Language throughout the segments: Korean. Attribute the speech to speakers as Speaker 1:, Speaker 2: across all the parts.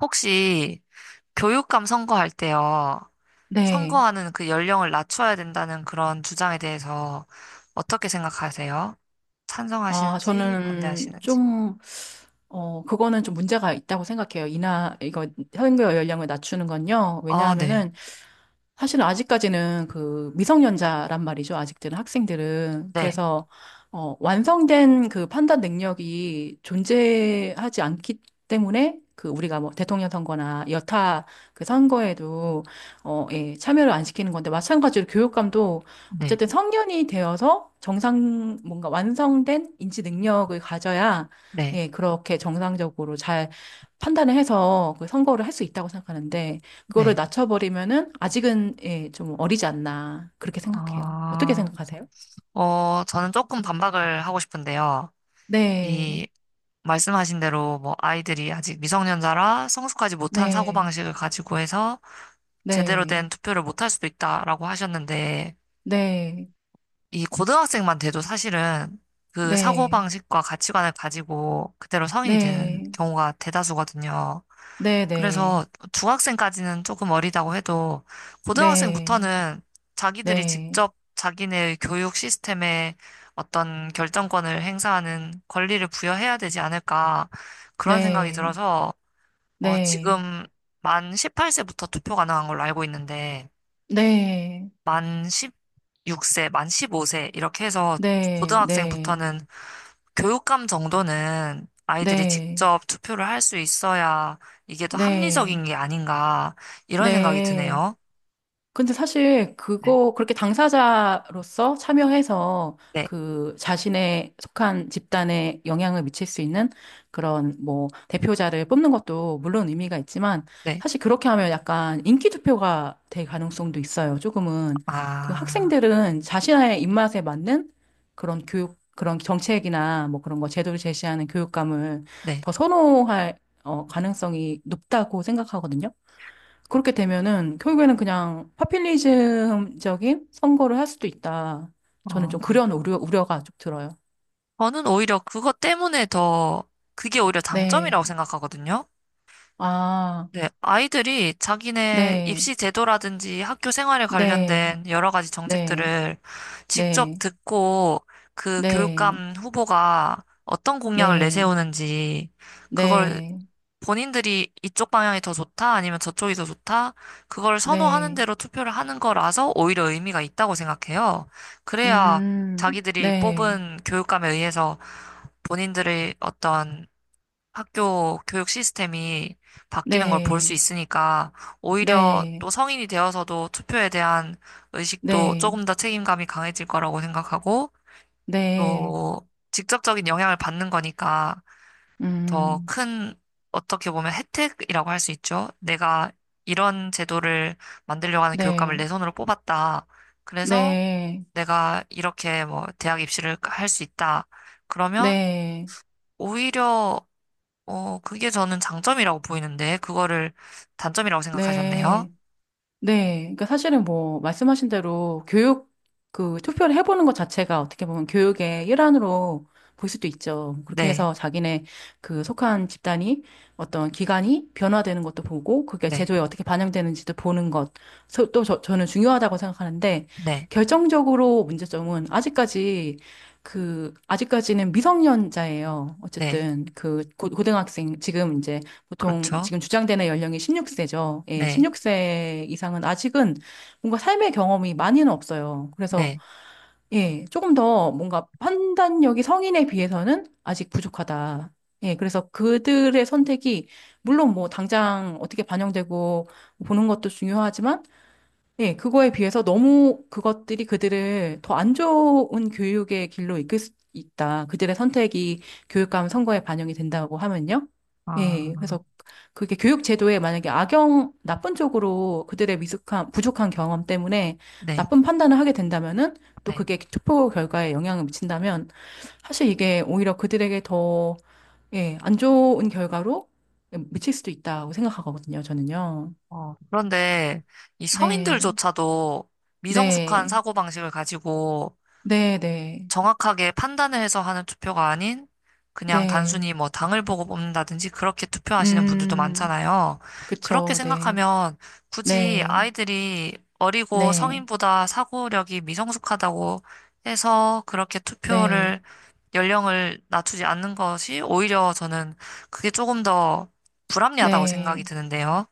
Speaker 1: 혹시 교육감 선거할 때요,
Speaker 2: 네.
Speaker 1: 선거하는 그 연령을 낮춰야 된다는 그런 주장에 대해서 어떻게 생각하세요?
Speaker 2: 아,
Speaker 1: 찬성하시는지
Speaker 2: 저는
Speaker 1: 반대하시는지?
Speaker 2: 좀, 그거는 좀 문제가 있다고 생각해요. 선거 연령을 낮추는 건요.
Speaker 1: 아, 네.
Speaker 2: 왜냐하면은, 사실은 아직까지는 그 미성년자란 말이죠. 아직들은 학생들은.
Speaker 1: 네.
Speaker 2: 그래서, 완성된 그 판단 능력이 존재하지 않기 때문에 그 우리가 뭐 대통령 선거나 여타 그 선거에도, 예, 참여를 안 시키는 건데 마찬가지로 교육감도
Speaker 1: 네.
Speaker 2: 어쨌든 성년이 되어서 정상, 뭔가 완성된 인지 능력을 가져야,
Speaker 1: 네.
Speaker 2: 예, 그렇게 정상적으로 잘 판단을 해서 그 선거를 할 수 있다고 생각하는데 그거를
Speaker 1: 네.
Speaker 2: 낮춰버리면은 아직은 예, 좀 어리지 않나 그렇게 생각해요. 어떻게
Speaker 1: 아,
Speaker 2: 생각하세요?
Speaker 1: 저는 조금 반박을 하고 싶은데요.
Speaker 2: 네,
Speaker 1: 이 말씀하신 대로 뭐 아이들이 아직 미성년자라 성숙하지 못한
Speaker 2: 네,
Speaker 1: 사고방식을 가지고 해서 제대로
Speaker 2: 네,
Speaker 1: 된 투표를 못할 수도 있다라고 하셨는데
Speaker 2: 네,
Speaker 1: 이 고등학생만 돼도 사실은 그
Speaker 2: 네,
Speaker 1: 사고방식과 가치관을 가지고 그대로 성인이 되는
Speaker 2: 네,
Speaker 1: 경우가 대다수거든요.
Speaker 2: 네, 네, 네,
Speaker 1: 그래서 중학생까지는 조금 어리다고 해도
Speaker 2: 네,
Speaker 1: 고등학생부터는 자기들이
Speaker 2: 네,
Speaker 1: 직접 자기네의 교육 시스템에 어떤 결정권을 행사하는 권리를 부여해야 되지 않을까 그런 생각이
Speaker 2: 네,
Speaker 1: 들어서 지금 만 18세부터 투표 가능한 걸로 알고 있는데
Speaker 2: 네, 네,
Speaker 1: 만 6세, 만 15세, 이렇게 해서
Speaker 2: 네, 네,
Speaker 1: 고등학생부터는 교육감 정도는 아이들이
Speaker 2: 네,
Speaker 1: 직접 투표를 할 수 있어야 이게 더
Speaker 2: 네,
Speaker 1: 합리적인 게 아닌가, 이런 생각이
Speaker 2: 네.
Speaker 1: 드네요.
Speaker 2: 근데 사실
Speaker 1: 네.
Speaker 2: 그거 그렇게 당사자로서 참여해서
Speaker 1: 네,
Speaker 2: 그 자신의 속한 집단에 영향을 미칠 수 있는 그런 뭐 대표자를 뽑는 것도 물론 의미가 있지만
Speaker 1: 네.
Speaker 2: 사실 그렇게 하면 약간 인기 투표가 될 가능성도 있어요. 조금은 그
Speaker 1: 아,
Speaker 2: 학생들은 자신의 입맛에 맞는 그런 교육 그런 정책이나 뭐 그런 거 제도를 제시하는 교육감을
Speaker 1: 네.
Speaker 2: 더 선호할 가능성이 높다고 생각하거든요. 그렇게 되면은 결국에는 그냥 파퓰리즘적인 선거를 할 수도 있다. 저는
Speaker 1: 어,
Speaker 2: 좀 그런 우려가 좀 들어요.
Speaker 1: 저는 오히려 그것 때문에 더, 그게 오히려 장점이라고
Speaker 2: 네.
Speaker 1: 생각하거든요.
Speaker 2: 아,
Speaker 1: 네, 아이들이 자기네
Speaker 2: 네.
Speaker 1: 입시 제도라든지 학교 생활에
Speaker 2: 네.
Speaker 1: 관련된 여러 가지
Speaker 2: 네.
Speaker 1: 정책들을 직접
Speaker 2: 네.
Speaker 1: 듣고 그
Speaker 2: 네.
Speaker 1: 교육감 후보가 어떤 공약을
Speaker 2: 네.
Speaker 1: 내세우는지 그걸
Speaker 2: 네.
Speaker 1: 본인들이 이쪽 방향이 더 좋다 아니면 저쪽이 더 좋다 그걸 선호하는
Speaker 2: 네.
Speaker 1: 대로 투표를 하는 거라서 오히려 의미가 있다고 생각해요. 그래야
Speaker 2: 음.
Speaker 1: 자기들이
Speaker 2: 네.
Speaker 1: 뽑은 교육감에 의해서 본인들의 어떤 학교 교육 시스템이 바뀌는 걸 볼 수
Speaker 2: 네.
Speaker 1: 있으니까 오히려
Speaker 2: 네.
Speaker 1: 또 성인이 되어서도 투표에 대한 의식도
Speaker 2: 네.
Speaker 1: 조금 더 책임감이 강해질 거라고 생각하고
Speaker 2: 네.
Speaker 1: 또 직접적인 영향을 받는 거니까 더
Speaker 2: 음.
Speaker 1: 큰 어떻게 보면 혜택이라고 할 수 있죠. 내가 이런 제도를 만들려고 하는 교육감을
Speaker 2: 네.
Speaker 1: 내 손으로 뽑았다. 그래서
Speaker 2: 네. 네.
Speaker 1: 내가 이렇게 뭐 대학 입시를 할 수 있다. 그러면
Speaker 2: 네.
Speaker 1: 오히려 그게 저는 장점이라고 보이는데, 그거를 단점이라고 생각하셨네요.
Speaker 2: 네, 네. 그러니까 사실은 뭐, 말씀하신 대로 그 투표를 해보는 것 자체가 어떻게 보면 교육의 일환으로 볼 수도 있죠. 그렇게
Speaker 1: 네,
Speaker 2: 해서 자기네 그 속한 집단이 어떤 기관이 변화되는 것도 보고 그게
Speaker 1: 네,
Speaker 2: 제도에 어떻게 반영되는지도 보는 것. 또 저는 중요하다고 생각하는데
Speaker 1: 네,
Speaker 2: 결정적으로 문제점은 아직까지 그, 아직까지는 미성년자예요.
Speaker 1: 네.
Speaker 2: 어쨌든 그 고등학생, 지금 이제 보통
Speaker 1: 그렇죠.
Speaker 2: 지금 주장되는 연령이 16세죠. 예,
Speaker 1: 네,
Speaker 2: 16세 이상은 아직은 뭔가 삶의 경험이 많이는 없어요. 그래서
Speaker 1: 네.
Speaker 2: 예, 조금 더 뭔가 판단력이 성인에 비해서는 아직 부족하다. 예, 그래서 그들의 선택이 물론 뭐 당장 어떻게 반영되고 보는 것도 중요하지만 네, 그거에 비해서 너무 그것들이 그들을 더 안 좋은 교육의 길로 이끌 수 있다. 그들의 선택이 교육감 선거에 반영이 된다고 하면요. 예,
Speaker 1: 아,
Speaker 2: 그래서 그게 교육 제도에 만약에 나쁜 쪽으로 그들의 미숙한, 부족한 경험 때문에
Speaker 1: 네,
Speaker 2: 나쁜 판단을 하게 된다면은 또
Speaker 1: 네.
Speaker 2: 그게 투표 결과에 영향을 미친다면 사실 이게 오히려 그들에게 더, 예, 안 좋은 결과로 미칠 수도 있다고 생각하거든요, 저는요.
Speaker 1: 그런데 이
Speaker 2: 네,
Speaker 1: 성인들조차도 미성숙한
Speaker 2: 네.
Speaker 1: 사고방식을 가지고
Speaker 2: 네, 네,
Speaker 1: 정확하게 판단을 해서 하는 투표가 아닌 그냥
Speaker 2: 네.
Speaker 1: 단순히 뭐 당을 보고 뽑는다든지 그렇게 투표하시는 분들도
Speaker 2: 음,
Speaker 1: 많잖아요. 그렇게
Speaker 2: 그쵸, 네,
Speaker 1: 생각하면 굳이
Speaker 2: 네,
Speaker 1: 아이들이 어리고
Speaker 2: 네,
Speaker 1: 성인보다 사고력이 미성숙하다고 해서 그렇게
Speaker 2: 네,
Speaker 1: 투표를 연령을 낮추지 않는 것이 오히려 저는 그게 조금 더 불합리하다고 생각이
Speaker 2: 네,
Speaker 1: 드는데요.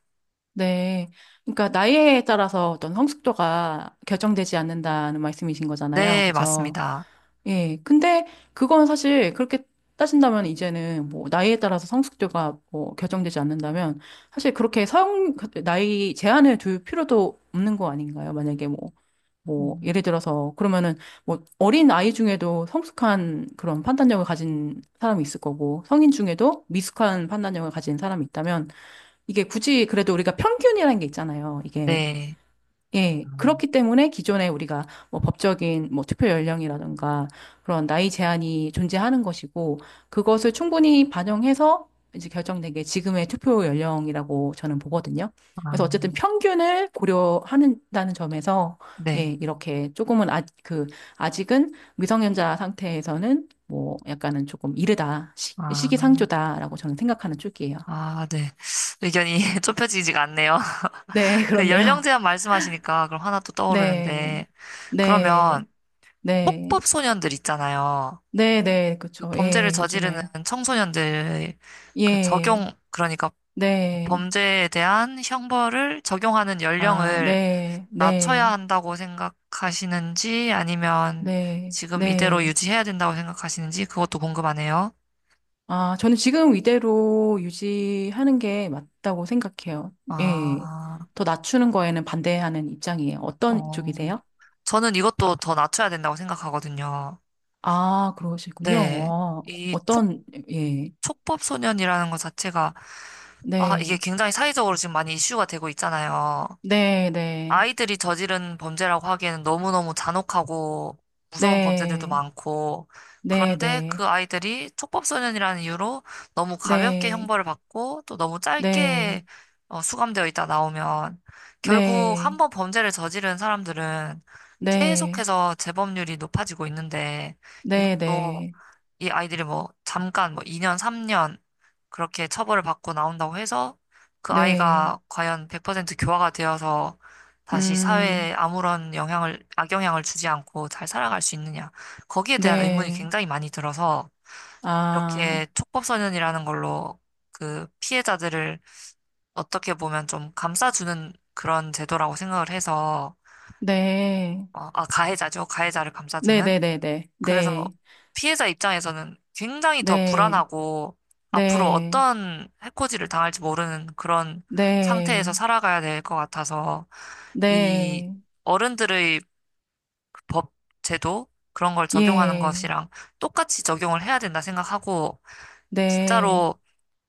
Speaker 2: 네. 그러니까 나이에 따라서 어떤 성숙도가 결정되지 않는다는 말씀이신 거잖아요.
Speaker 1: 네,
Speaker 2: 그죠?
Speaker 1: 맞습니다.
Speaker 2: 예. 근데 그건 사실 그렇게 따진다면 이제는 뭐 나이에 따라서 성숙도가 뭐 결정되지 않는다면 사실 그렇게 나이 제한을 둘 필요도 없는 거 아닌가요? 만약에 뭐 뭐,
Speaker 1: 음,
Speaker 2: 예를 들어서, 그러면은, 뭐, 어린 아이 중에도 성숙한 그런 판단력을 가진 사람이 있을 거고, 성인 중에도 미숙한 판단력을 가진 사람이 있다면, 이게 굳이 그래도 우리가 평균이라는 게 있잖아요. 이게
Speaker 1: 네.
Speaker 2: 예,
Speaker 1: 음.
Speaker 2: 그렇기 때문에 기존에 우리가 뭐 법적인 뭐 투표 연령이라든가 그런 나이 제한이 존재하는 것이고 그것을 충분히 반영해서 이제 결정된 게 지금의 투표 연령이라고 저는 보거든요.
Speaker 1: 아,
Speaker 2: 그래서 어쨌든 평균을 고려한다는 점에서 예,
Speaker 1: 네.
Speaker 2: 이렇게 조금은 아, 그 아직은 미성년자 상태에서는 뭐 약간은 조금 이르다
Speaker 1: 아.
Speaker 2: 시기상조다라고 저는 생각하는 쪽이에요.
Speaker 1: 아, 네. 의견이 좁혀지지가 않네요.
Speaker 2: 네,
Speaker 1: 그 연령
Speaker 2: 그렇네요.
Speaker 1: 제한 말씀하시니까 그럼 하나 또
Speaker 2: 네,
Speaker 1: 떠오르는데, 그러면
Speaker 2: 네, 네.
Speaker 1: 폭법 소년들 있잖아요.
Speaker 2: 네네,
Speaker 1: 그
Speaker 2: 그쵸.
Speaker 1: 범죄를
Speaker 2: 예,
Speaker 1: 저지르는
Speaker 2: 요즘에.
Speaker 1: 청소년들, 그
Speaker 2: 예,
Speaker 1: 적용, 그러니까
Speaker 2: 네.
Speaker 1: 범죄에 대한 형벌을 적용하는
Speaker 2: 아,
Speaker 1: 연령을
Speaker 2: 네,
Speaker 1: 낮춰야
Speaker 2: 네,
Speaker 1: 한다고 생각하시는지, 아니면
Speaker 2: 네,
Speaker 1: 지금 이대로
Speaker 2: 네.
Speaker 1: 유지해야 된다고 생각하시는지, 그것도 궁금하네요.
Speaker 2: 아, 저는 지금 이대로 유지하는 게 맞다고 생각해요. 예.
Speaker 1: 아,
Speaker 2: 더 낮추는 거에는 반대하는 입장이에요. 어떤
Speaker 1: 어,
Speaker 2: 쪽이세요?
Speaker 1: 저는 이것도 더 낮춰야 된다고 생각하거든요.
Speaker 2: 아, 그러시군요.
Speaker 1: 네, 이
Speaker 2: 어떤, 예.
Speaker 1: 촉법소년이라는 것 자체가, 아, 이게
Speaker 2: 네,
Speaker 1: 굉장히 사회적으로 지금 많이 이슈가 되고 있잖아요.
Speaker 2: 네, 네,
Speaker 1: 아이들이 저지른 범죄라고 하기에는 너무너무 잔혹하고 무서운 범죄들도
Speaker 2: 네,
Speaker 1: 많고,
Speaker 2: 네,
Speaker 1: 그런데
Speaker 2: 네,
Speaker 1: 그 아이들이 촉법소년이라는 이유로 너무 가볍게
Speaker 2: 네,
Speaker 1: 형벌을 받고 또 너무
Speaker 2: 네,
Speaker 1: 짧게 수감되어 있다 나오면 결국 한
Speaker 2: 네,
Speaker 1: 번 범죄를 저지른 사람들은
Speaker 2: 네,
Speaker 1: 계속해서 재범률이 높아지고 있는데
Speaker 2: 네,
Speaker 1: 이것도
Speaker 2: 네.
Speaker 1: 이 아이들이 뭐 잠깐 뭐 2년, 3년 그렇게 처벌을 받고 나온다고 해서 그
Speaker 2: 네.
Speaker 1: 아이가 과연 100% 교화가 되어서 다시 사회에
Speaker 2: 음,
Speaker 1: 아무런 영향을, 악영향을 주지 않고 잘 살아갈 수 있느냐. 거기에 대한 의문이
Speaker 2: 네.
Speaker 1: 굉장히 많이 들어서
Speaker 2: 아,
Speaker 1: 이렇게 촉법소년이라는 걸로 그 피해자들을 어떻게 보면 좀 감싸주는 그런 제도라고 생각을 해서,
Speaker 2: 네.
Speaker 1: 아, 가해자죠. 가해자를 감싸주는.
Speaker 2: 네네네네.
Speaker 1: 그래서
Speaker 2: 네.
Speaker 1: 피해자 입장에서는 굉장히 더
Speaker 2: 네.
Speaker 1: 불안하고 앞으로
Speaker 2: 네.
Speaker 1: 어떤 해코지를 당할지 모르는 그런 상태에서
Speaker 2: 네.
Speaker 1: 살아가야 될 것 같아서 이
Speaker 2: 네.
Speaker 1: 어른들의 법, 제도 그런 걸 적용하는
Speaker 2: 예.
Speaker 1: 것이랑 똑같이 적용을 해야 된다 생각하고
Speaker 2: 네.
Speaker 1: 진짜로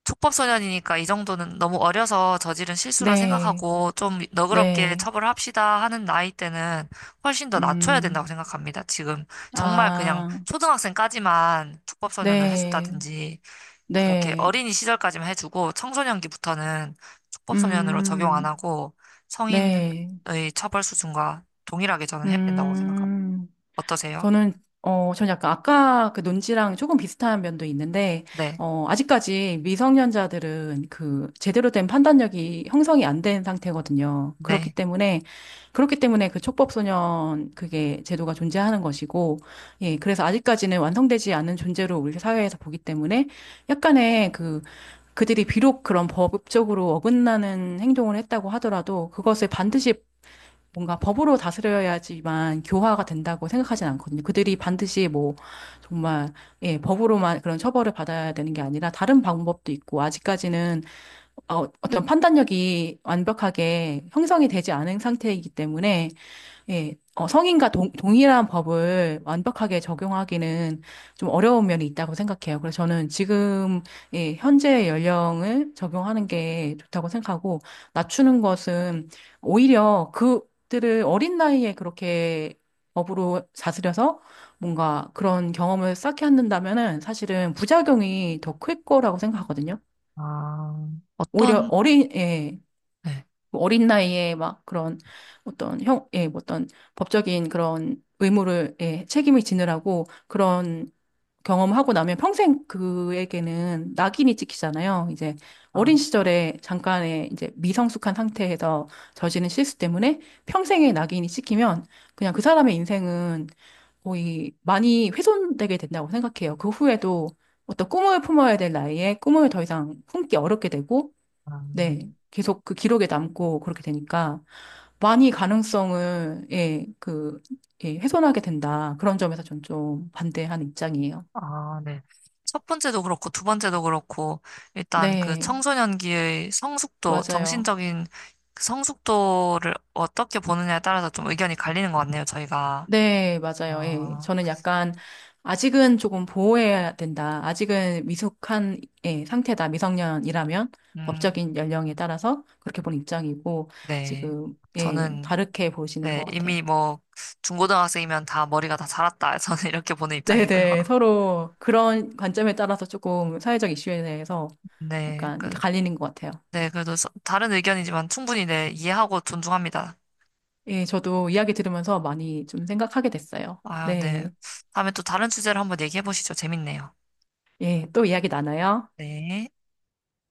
Speaker 1: 촉법소년이니까 이 정도는 너무 어려서 저지른 실수라
Speaker 2: 네.
Speaker 1: 생각하고 좀 너그럽게
Speaker 2: 네.
Speaker 1: 처벌합시다 하는 나이 때는 훨씬 더 낮춰야
Speaker 2: 음,
Speaker 1: 된다고 생각합니다. 지금 정말 그냥
Speaker 2: 아,
Speaker 1: 초등학생까지만 촉법소년을
Speaker 2: 네.
Speaker 1: 해준다든지 그렇게
Speaker 2: 네.
Speaker 1: 어린이 시절까지만 해주고 청소년기부터는 촉법소년으로 적용 안
Speaker 2: 음,
Speaker 1: 하고
Speaker 2: 네.
Speaker 1: 성인의 처벌 수준과 동일하게 저는 해야 된다고 생각합니다.
Speaker 2: 음.
Speaker 1: 어떠세요?
Speaker 2: 저는 저는 약간 아까 그 논지랑 조금 비슷한 면도 있는데,
Speaker 1: 네,
Speaker 2: 아직까지 미성년자들은 그 제대로 된 판단력이 형성이 안 된 상태거든요. 그렇기
Speaker 1: 네.
Speaker 2: 때문에, 그렇기 때문에 그 촉법소년 그게 제도가 존재하는 것이고, 예, 그래서 아직까지는 완성되지 않은 존재로 우리 사회에서 보기 때문에 약간의 그 그들이 비록 그런 법적으로 어긋나는 행동을 했다고 하더라도 그것을 반드시 뭔가 법으로 다스려야지만 교화가 된다고 생각하진 않거든요. 그들이 반드시 뭐 정말 예, 법으로만 그런 처벌을 받아야 되는 게 아니라 다른 방법도 있고 아직까지는 어떤 판단력이 완벽하게 형성이 되지 않은 상태이기 때문에 예, 성인과 동일한 법을 완벽하게 적용하기는 좀 어려운 면이 있다고 생각해요. 그래서 저는 지금, 예, 현재의 연령을 적용하는 게 좋다고 생각하고, 낮추는 것은 오히려 그들을 어린 나이에 그렇게 법으로 다스려서 뭔가 그런 경험을 쌓게 한다면은 사실은 부작용이 더 클 거라고 생각하거든요.
Speaker 1: 아,
Speaker 2: 오히려
Speaker 1: 어떤,
Speaker 2: 어린, 예,
Speaker 1: 네.
Speaker 2: 뭐 어린 나이에 막 그런 어떤 형, 예, 뭐 어떤 법적인 그런 의무를, 예, 책임을 지느라고 그런 경험하고 나면 평생 그에게는 낙인이 찍히잖아요. 이제
Speaker 1: 아,
Speaker 2: 어린 시절에 잠깐의 이제 미성숙한 상태에서 저지른 실수 때문에 평생의 낙인이 찍히면 그냥 그 사람의 인생은 거의 많이 훼손되게 된다고 생각해요. 그 후에도 어떤 꿈을 품어야 될 나이에 꿈을 더 이상 품기 어렵게 되고
Speaker 1: 아,
Speaker 2: 네. 계속 그 기록에 남고 그렇게 되니까 많이 가능성을, 예, 그, 예, 훼손하게 된다. 그런 점에서 전 좀 반대하는 입장이에요.
Speaker 1: 아, 네. 첫 번째도 그렇고, 두 번째도 그렇고, 일단 그
Speaker 2: 네,
Speaker 1: 청소년기의 성숙도,
Speaker 2: 맞아요.
Speaker 1: 정신적인 그 성숙도를 어떻게 보느냐에 따라서 좀 의견이 갈리는 것 같네요, 저희가.
Speaker 2: 네, 맞아요. 예.
Speaker 1: 아,
Speaker 2: 저는 약간 아직은 조금 보호해야 된다. 아직은 미숙한 예, 상태다. 미성년이라면
Speaker 1: 음,
Speaker 2: 법적인 연령에 따라서 그렇게 본 입장이고
Speaker 1: 네.
Speaker 2: 지금 예,
Speaker 1: 저는,
Speaker 2: 다르게 보시는
Speaker 1: 네,
Speaker 2: 것 같아요.
Speaker 1: 이미 뭐, 중고등학생이면 다 머리가 다 자랐다. 저는 이렇게 보는 입장이고요.
Speaker 2: 네네. 서로 그런 관점에 따라서 조금 사회적 이슈에 대해서
Speaker 1: 네,
Speaker 2: 약간
Speaker 1: 그,
Speaker 2: 갈리는 것 같아요.
Speaker 1: 네, 그래도 다른 의견이지만 충분히 네, 이해하고 존중합니다.
Speaker 2: 예, 저도 이야기 들으면서 많이 좀 생각하게 됐어요.
Speaker 1: 아, 네.
Speaker 2: 네.
Speaker 1: 다음에 또 다른 주제로 한번 얘기해 보시죠. 재밌네요.
Speaker 2: 예, 또 이야기 나눠요.
Speaker 1: 네.